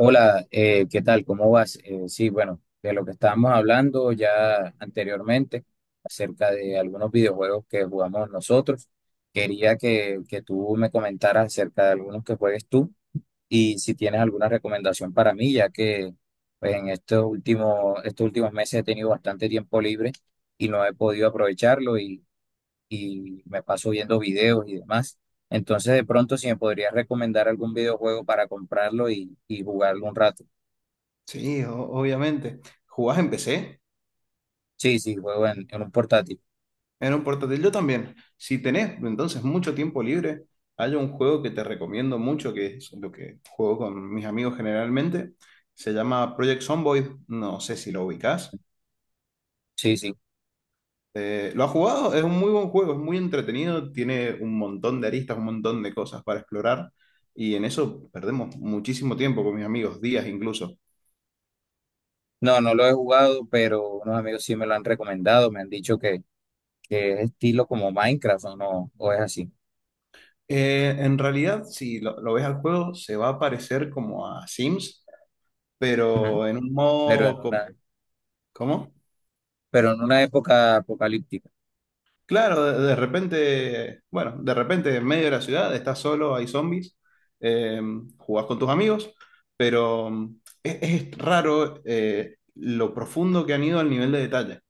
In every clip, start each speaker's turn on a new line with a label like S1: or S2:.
S1: Hola, ¿qué tal? ¿Cómo vas? Sí, bueno, de lo que estábamos hablando ya anteriormente acerca de algunos videojuegos que jugamos nosotros, quería que tú me comentaras acerca de algunos que juegues tú y si tienes alguna recomendación para mí, ya que pues, en estos últimos meses he tenido bastante tiempo libre y no he podido aprovecharlo, y me paso viendo videos y demás. Entonces, de pronto, si me podrías recomendar algún videojuego para comprarlo y jugarlo un rato.
S2: Sí, obviamente. ¿Jugás en PC?
S1: Sí, sí, juego en un portátil.
S2: En un portátil yo también. Si tenés entonces mucho tiempo libre, hay un juego que te recomiendo mucho, que es lo que juego con mis amigos generalmente. Se llama Project Zomboid. No sé si lo ubicás.
S1: Sí, sí.
S2: ¿Lo has jugado? Es un muy buen juego, es muy entretenido, tiene un montón de aristas, un montón de cosas para explorar. Y en eso perdemos muchísimo tiempo con mis amigos, días incluso.
S1: No, no lo he jugado, pero unos amigos sí me lo han recomendado. Me han dicho que es estilo como Minecraft o no, o es así.
S2: En realidad, si lo ves al juego, se va a parecer como a Sims,
S1: Ujú.
S2: pero en un
S1: Pero en
S2: modo.
S1: una,
S2: ¿Cómo?
S1: pero en una época apocalíptica.
S2: Claro, de repente, bueno, de repente en medio de la ciudad estás solo, hay zombies, eh, jugás con tus amigos, pero es, raro, lo profundo que han ido al nivel de detalle,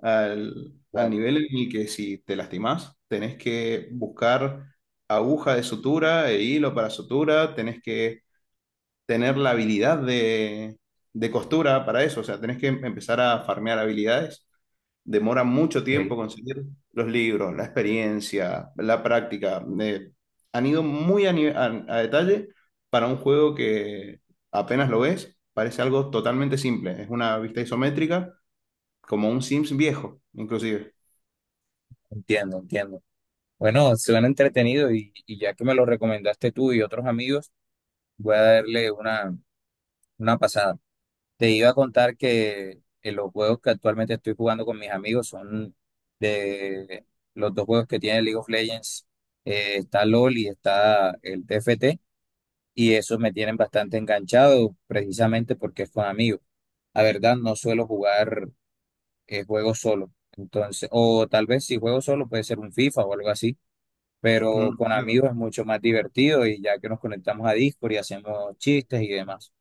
S2: al
S1: Claro,
S2: nivel en el que si te lastimás, tenés que buscar aguja de sutura e hilo para sutura, tenés que tener la habilidad de costura para eso, o sea, tenés que empezar a farmear habilidades, demora mucho
S1: ok.
S2: tiempo conseguir los libros, la experiencia, la práctica. Han ido muy a detalle para un juego que apenas lo ves, parece algo totalmente simple. Es una vista isométrica, como un Sims viejo, inclusive.
S1: Entiendo, entiendo. Bueno, suena entretenido y ya que me lo recomendaste tú y otros amigos, voy a darle una pasada. Te iba a contar que los juegos que actualmente estoy jugando con mis amigos son de los dos juegos que tiene League of Legends. Está LOL y está el TFT. Y esos me tienen bastante enganchado precisamente porque es con amigos. La verdad, no suelo jugar juegos solo. Entonces, o tal vez si juego solo puede ser un FIFA o algo así. Pero
S2: Mm,
S1: con
S2: claro.
S1: amigos es mucho más divertido y ya que nos conectamos a Discord y hacemos chistes y demás.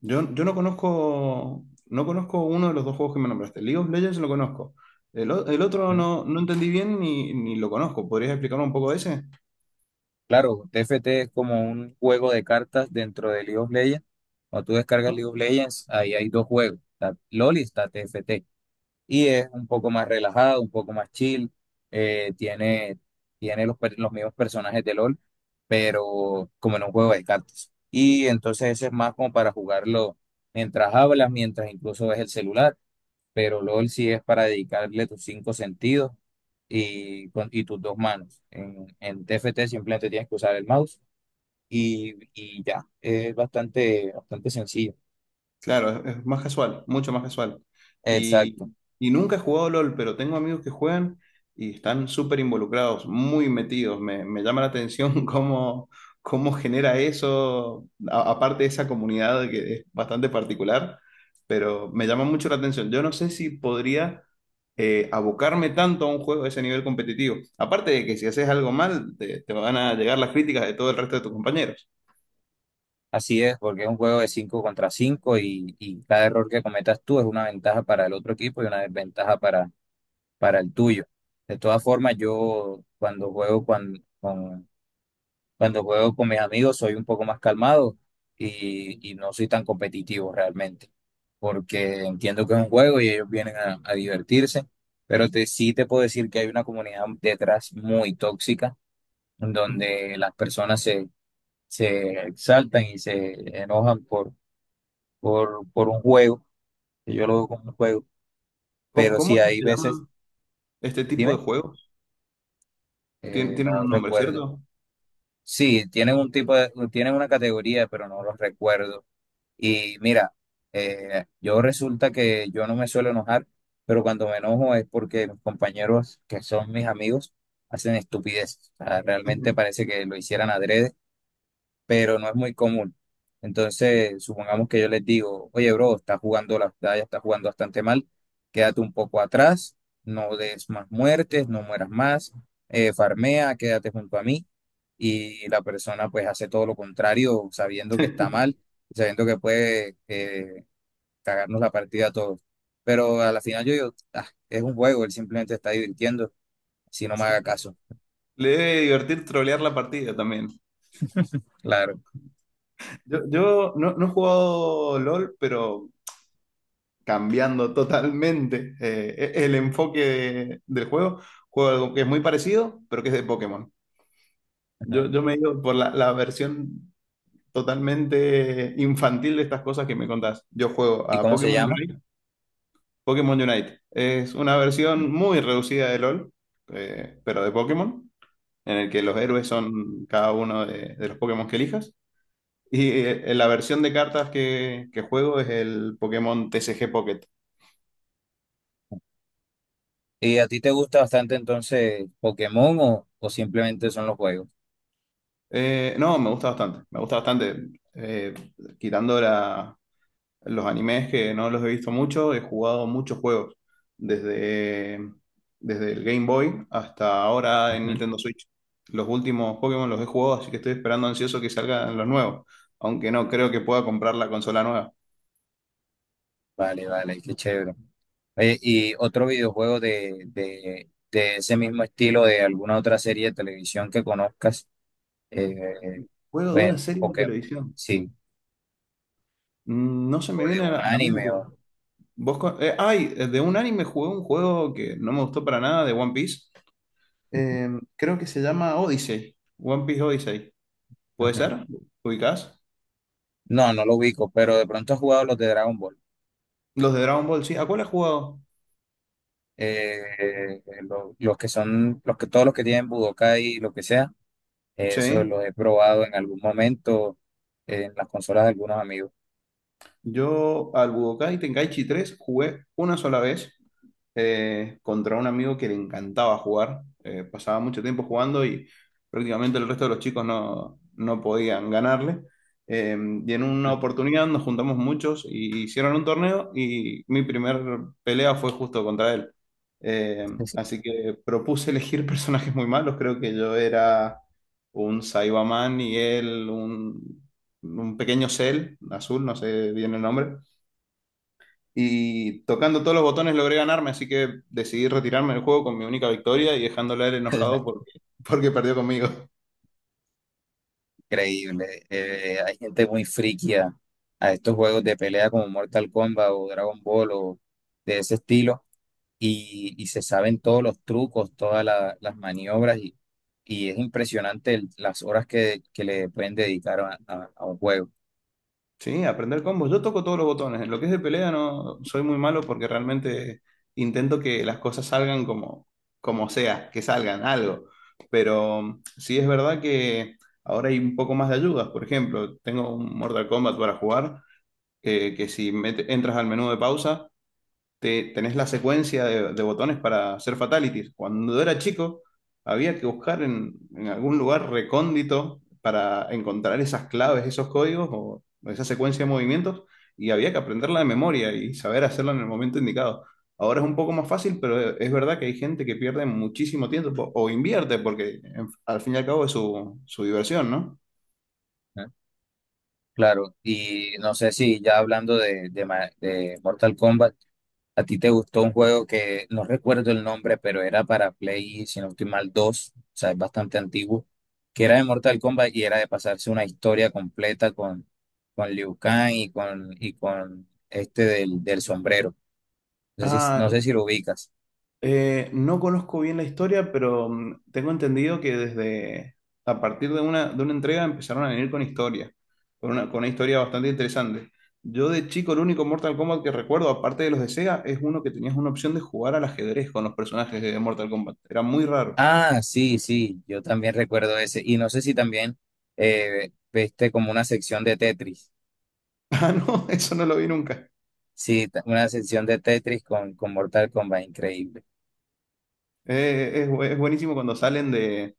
S2: Yo no conozco, uno de los dos juegos que me nombraste. League of Legends lo conozco. El otro no, entendí bien ni lo conozco. ¿Podrías explicarme un poco de ese?
S1: Claro, T F T es como un juego de cartas dentro de League of Legends. Cuando tú descargas League of Legends, ahí hay dos juegos. Está LOL y está TFT. Y es un poco más relajado, un poco más chill. Tiene los mismos personajes de LOL, pero como en un juego de cartas. Y entonces ese es más como para jugarlo mientras hablas, mientras incluso ves el celular, pero LOL sí es para dedicarle tus cinco sentidos y tus dos manos. En t F T simplemente tienes que usar el mouse y ya, es bastante, bastante sencillo.
S2: Claro, es más casual, mucho más casual. Y,
S1: Exacto,
S2: y nunca he jugado LOL, pero tengo amigos que juegan y están súper involucrados, muy metidos. Me llama la atención cómo genera eso, aparte de esa comunidad que es bastante particular, pero me llama mucho la atención. Yo no sé si podría abocarme tanto a un juego de ese nivel competitivo. Aparte de que si haces algo mal, te van a llegar las críticas de todo el resto de tus compañeros.
S1: así es, porque es un juego de 5 contra 5 y cada error que cometas tú es una ventaja para el otro equipo y una desventaja para el tuyo. De todas formas, yo cuando juego con mis amigos soy un poco más calmado y no soy tan competitivo realmente, porque entiendo que es un juego y ellos vienen a divertirse, pero te, sí te puedo decir que hay una comunidad detrás muy tóxica, en donde las se exaltan y se enojan por un juego, que yo lo veo como un juego,
S2: ¿Cómo,
S1: pero
S2: cómo
S1: sí
S2: es que
S1: hay
S2: se
S1: veces,
S2: llama este tipo de
S1: dime,
S2: juego? Tienen
S1: no
S2: un nombre,
S1: recuerdo.
S2: ¿cierto?
S1: Sí, tienen un tienen una categoría, pero no los recuerdo. Y mira, yo resulta que yo no me suelo enojar, pero cuando me enojo es porque mis compañeros, que son mis amigos, hacen estupideces. O sea, realmente parece que lo hicieran adrede, pero no es muy común. Entonces, supongamos que yo les digo, oye, bro, estás jugando la batalla, estás jugando bastante mal, quédate un poco atrás, no des más muertes, no mueras más, farmea, quédate junto a mí. Y la persona pues hace todo lo contrario, sabiendo que está mal, sabiendo que puede cagarnos la partida a todos. Pero a la final yo digo, "Ah, es un juego, él simplemente está divirtiendo, si no me haga caso".
S2: Le debe divertir trolear la partida también.
S1: Claro.
S2: Yo no he jugado LOL, pero cambiando totalmente el enfoque del juego, juego algo que es muy parecido, pero que es de Pokémon. Yo,
S1: Ujú.
S2: yo me he ido por la versión totalmente infantil de estas cosas que me contás. Yo juego
S1: ¿Y
S2: a
S1: cómo se
S2: Pokémon
S1: llama?
S2: Unite. Pokémon Unite es una versión muy reducida de LOL, pero de Pokémon. En el que los héroes son cada uno de los Pokémon que elijas. Y la versión de cartas que juego es el Pokémon TCG Pocket.
S1: Ujú. ¿Y a ti te gusta bastante entonces Pokémon o simplemente son los juegos?
S2: No, me gusta bastante, me gusta bastante. Eh, quitando los animes que no los he visto mucho, he jugado muchos juegos, desde, desde el Game Boy hasta ahora en
S1: Ujú.
S2: Nintendo Switch. Los últimos Pokémon los he jugado, así que estoy esperando ansioso que salgan los nuevos, aunque no creo que pueda comprar la consola nueva.
S1: Vale, vale, qué chévere. Oye, ¿y otro videojuego de ese mismo estilo de alguna otra serie de televisión que conozcas? Eh,
S2: Juego de
S1: bueno,
S2: una serie de
S1: Pokémon,
S2: televisión.
S1: sí,
S2: Mm. No se me
S1: o de
S2: viene a la,
S1: un
S2: a la
S1: anime
S2: mente.
S1: o...
S2: De un anime jugué un juego que no me gustó para nada de One Piece. Eh, Creo que se llama Odyssey. One Piece Odyssey. ¿Puede
S1: Ujú.
S2: ser? ¿Ubicás?
S1: No, no lo ubico, pero de pronto has jugado los de Dragon Ball.
S2: Los de Dragon Ball, sí. ¿A cuál has jugado?
S1: Los que todos los que tienen Budokai y lo que sea. Eso
S2: Sí.
S1: lo he probado en algún momento en las consolas de algunos amigos.
S2: Yo al Budokai Tenkaichi 3 jugué una sola vez. Contra un amigo que le encantaba jugar. Pasaba mucho tiempo jugando y prácticamente el resto de los chicos no, podían ganarle. Eh, y en una oportunidad nos juntamos muchos y hicieron un torneo y mi primer pelea fue justo contra él. Eh, Así que propuse elegir personajes muy malos. Creo que yo era un Saibaman y él un pequeño Cell azul, no sé bien el nombre. Y tocando todos los botones logré ganarme, así que decidí retirarme del juego con mi única victoria y dejándole a él
S1: Es
S2: enojado porque, porque perdió conmigo.
S1: increíble. Hay gente muy friki a estos juegos de pelea como Mortal Kombat o Dragon Ball o de ese estilo y se saben todos los trucos, las maniobras y es impresionante las horas que le pueden dedicar a un juego.
S2: Sí, aprender combos. Yo toco todos los botones. En lo que es de pelea no soy muy malo porque realmente intento que las cosas salgan como sea, que salgan algo. Pero sí es verdad que ahora hay un poco más de ayudas. Por ejemplo, tengo un Mortal Kombat para jugar, que si entras al menú de pausa tenés la secuencia de botones para hacer fatalities. Cuando era chico, había que buscar en algún lugar recóndito para encontrar esas claves, esos códigos o esa secuencia de movimientos y había que aprenderla de memoria y saber hacerla en el momento indicado. Ahora es un poco más fácil, pero es verdad que hay gente que pierde muchísimo tiempo o invierte porque al fin y al cabo es su, diversión, ¿no?
S1: ¿No? Claro, y no sé si ya hablando de Mortal Kombat. ¿A ti te gustó un juego que no recuerdo el nombre, pero era para Play, si no estoy mal, 2, o sea, es bastante antiguo, que era de Mortal Kombat y era de pasarse una historia completa con Liu Kang y con este del sombrero? No sé si, no
S2: Ah,
S1: sé si lo ubicas.
S2: No conozco bien la historia, pero tengo entendido que desde a partir de una, entrega empezaron a venir con historia, con una historia bastante interesante. Yo de chico el único Mortal Kombat que recuerdo, aparte de los de Sega, es uno que tenías una opción de jugar al ajedrez con los personajes de Mortal Kombat. Era muy raro.
S1: Ah, sí, sí, yo también recuerdo ese. Y no sé si también viste como una sección de Tetris.
S2: Ah, no, eso no lo vi nunca.
S1: Sí, una sección de Tetris con Mortal Kombat, increíble.
S2: Es es buenísimo cuando salen de,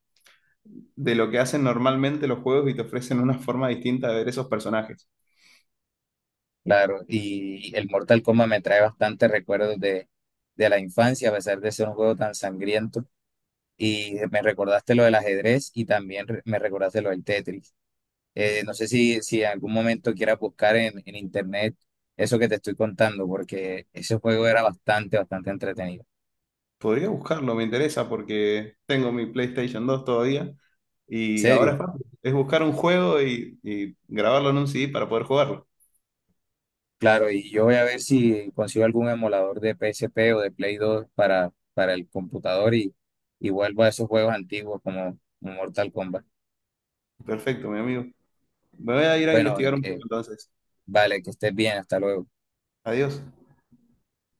S2: de lo que hacen normalmente los juegos y te ofrecen una forma distinta de ver esos personajes.
S1: Claro, y el Mortal Kombat me trae bastantes recuerdos de la infancia, a pesar de ser un juego tan sangriento. Y me recordaste lo del ajedrez y también me recordaste lo del Tetris. No sé si, si en algún momento quieras buscar en internet eso que te estoy contando, porque ese juego era bastante, bastante entretenido. ¿En
S2: Podría buscarlo, me interesa porque tengo mi PlayStation 2 todavía y ahora es
S1: serio?
S2: fácil. Es buscar un juego y grabarlo en un CD para poder jugarlo.
S1: Claro, y yo voy a ver si consigo algún emulador de PSP o de Play 2 para el computador y vuelvo a esos juegos antiguos como como Mortal Kombat.
S2: Perfecto, mi amigo. Me voy a ir a
S1: Bueno,
S2: investigar un poco entonces.
S1: vale, que estés bien, hasta luego.
S2: Adiós.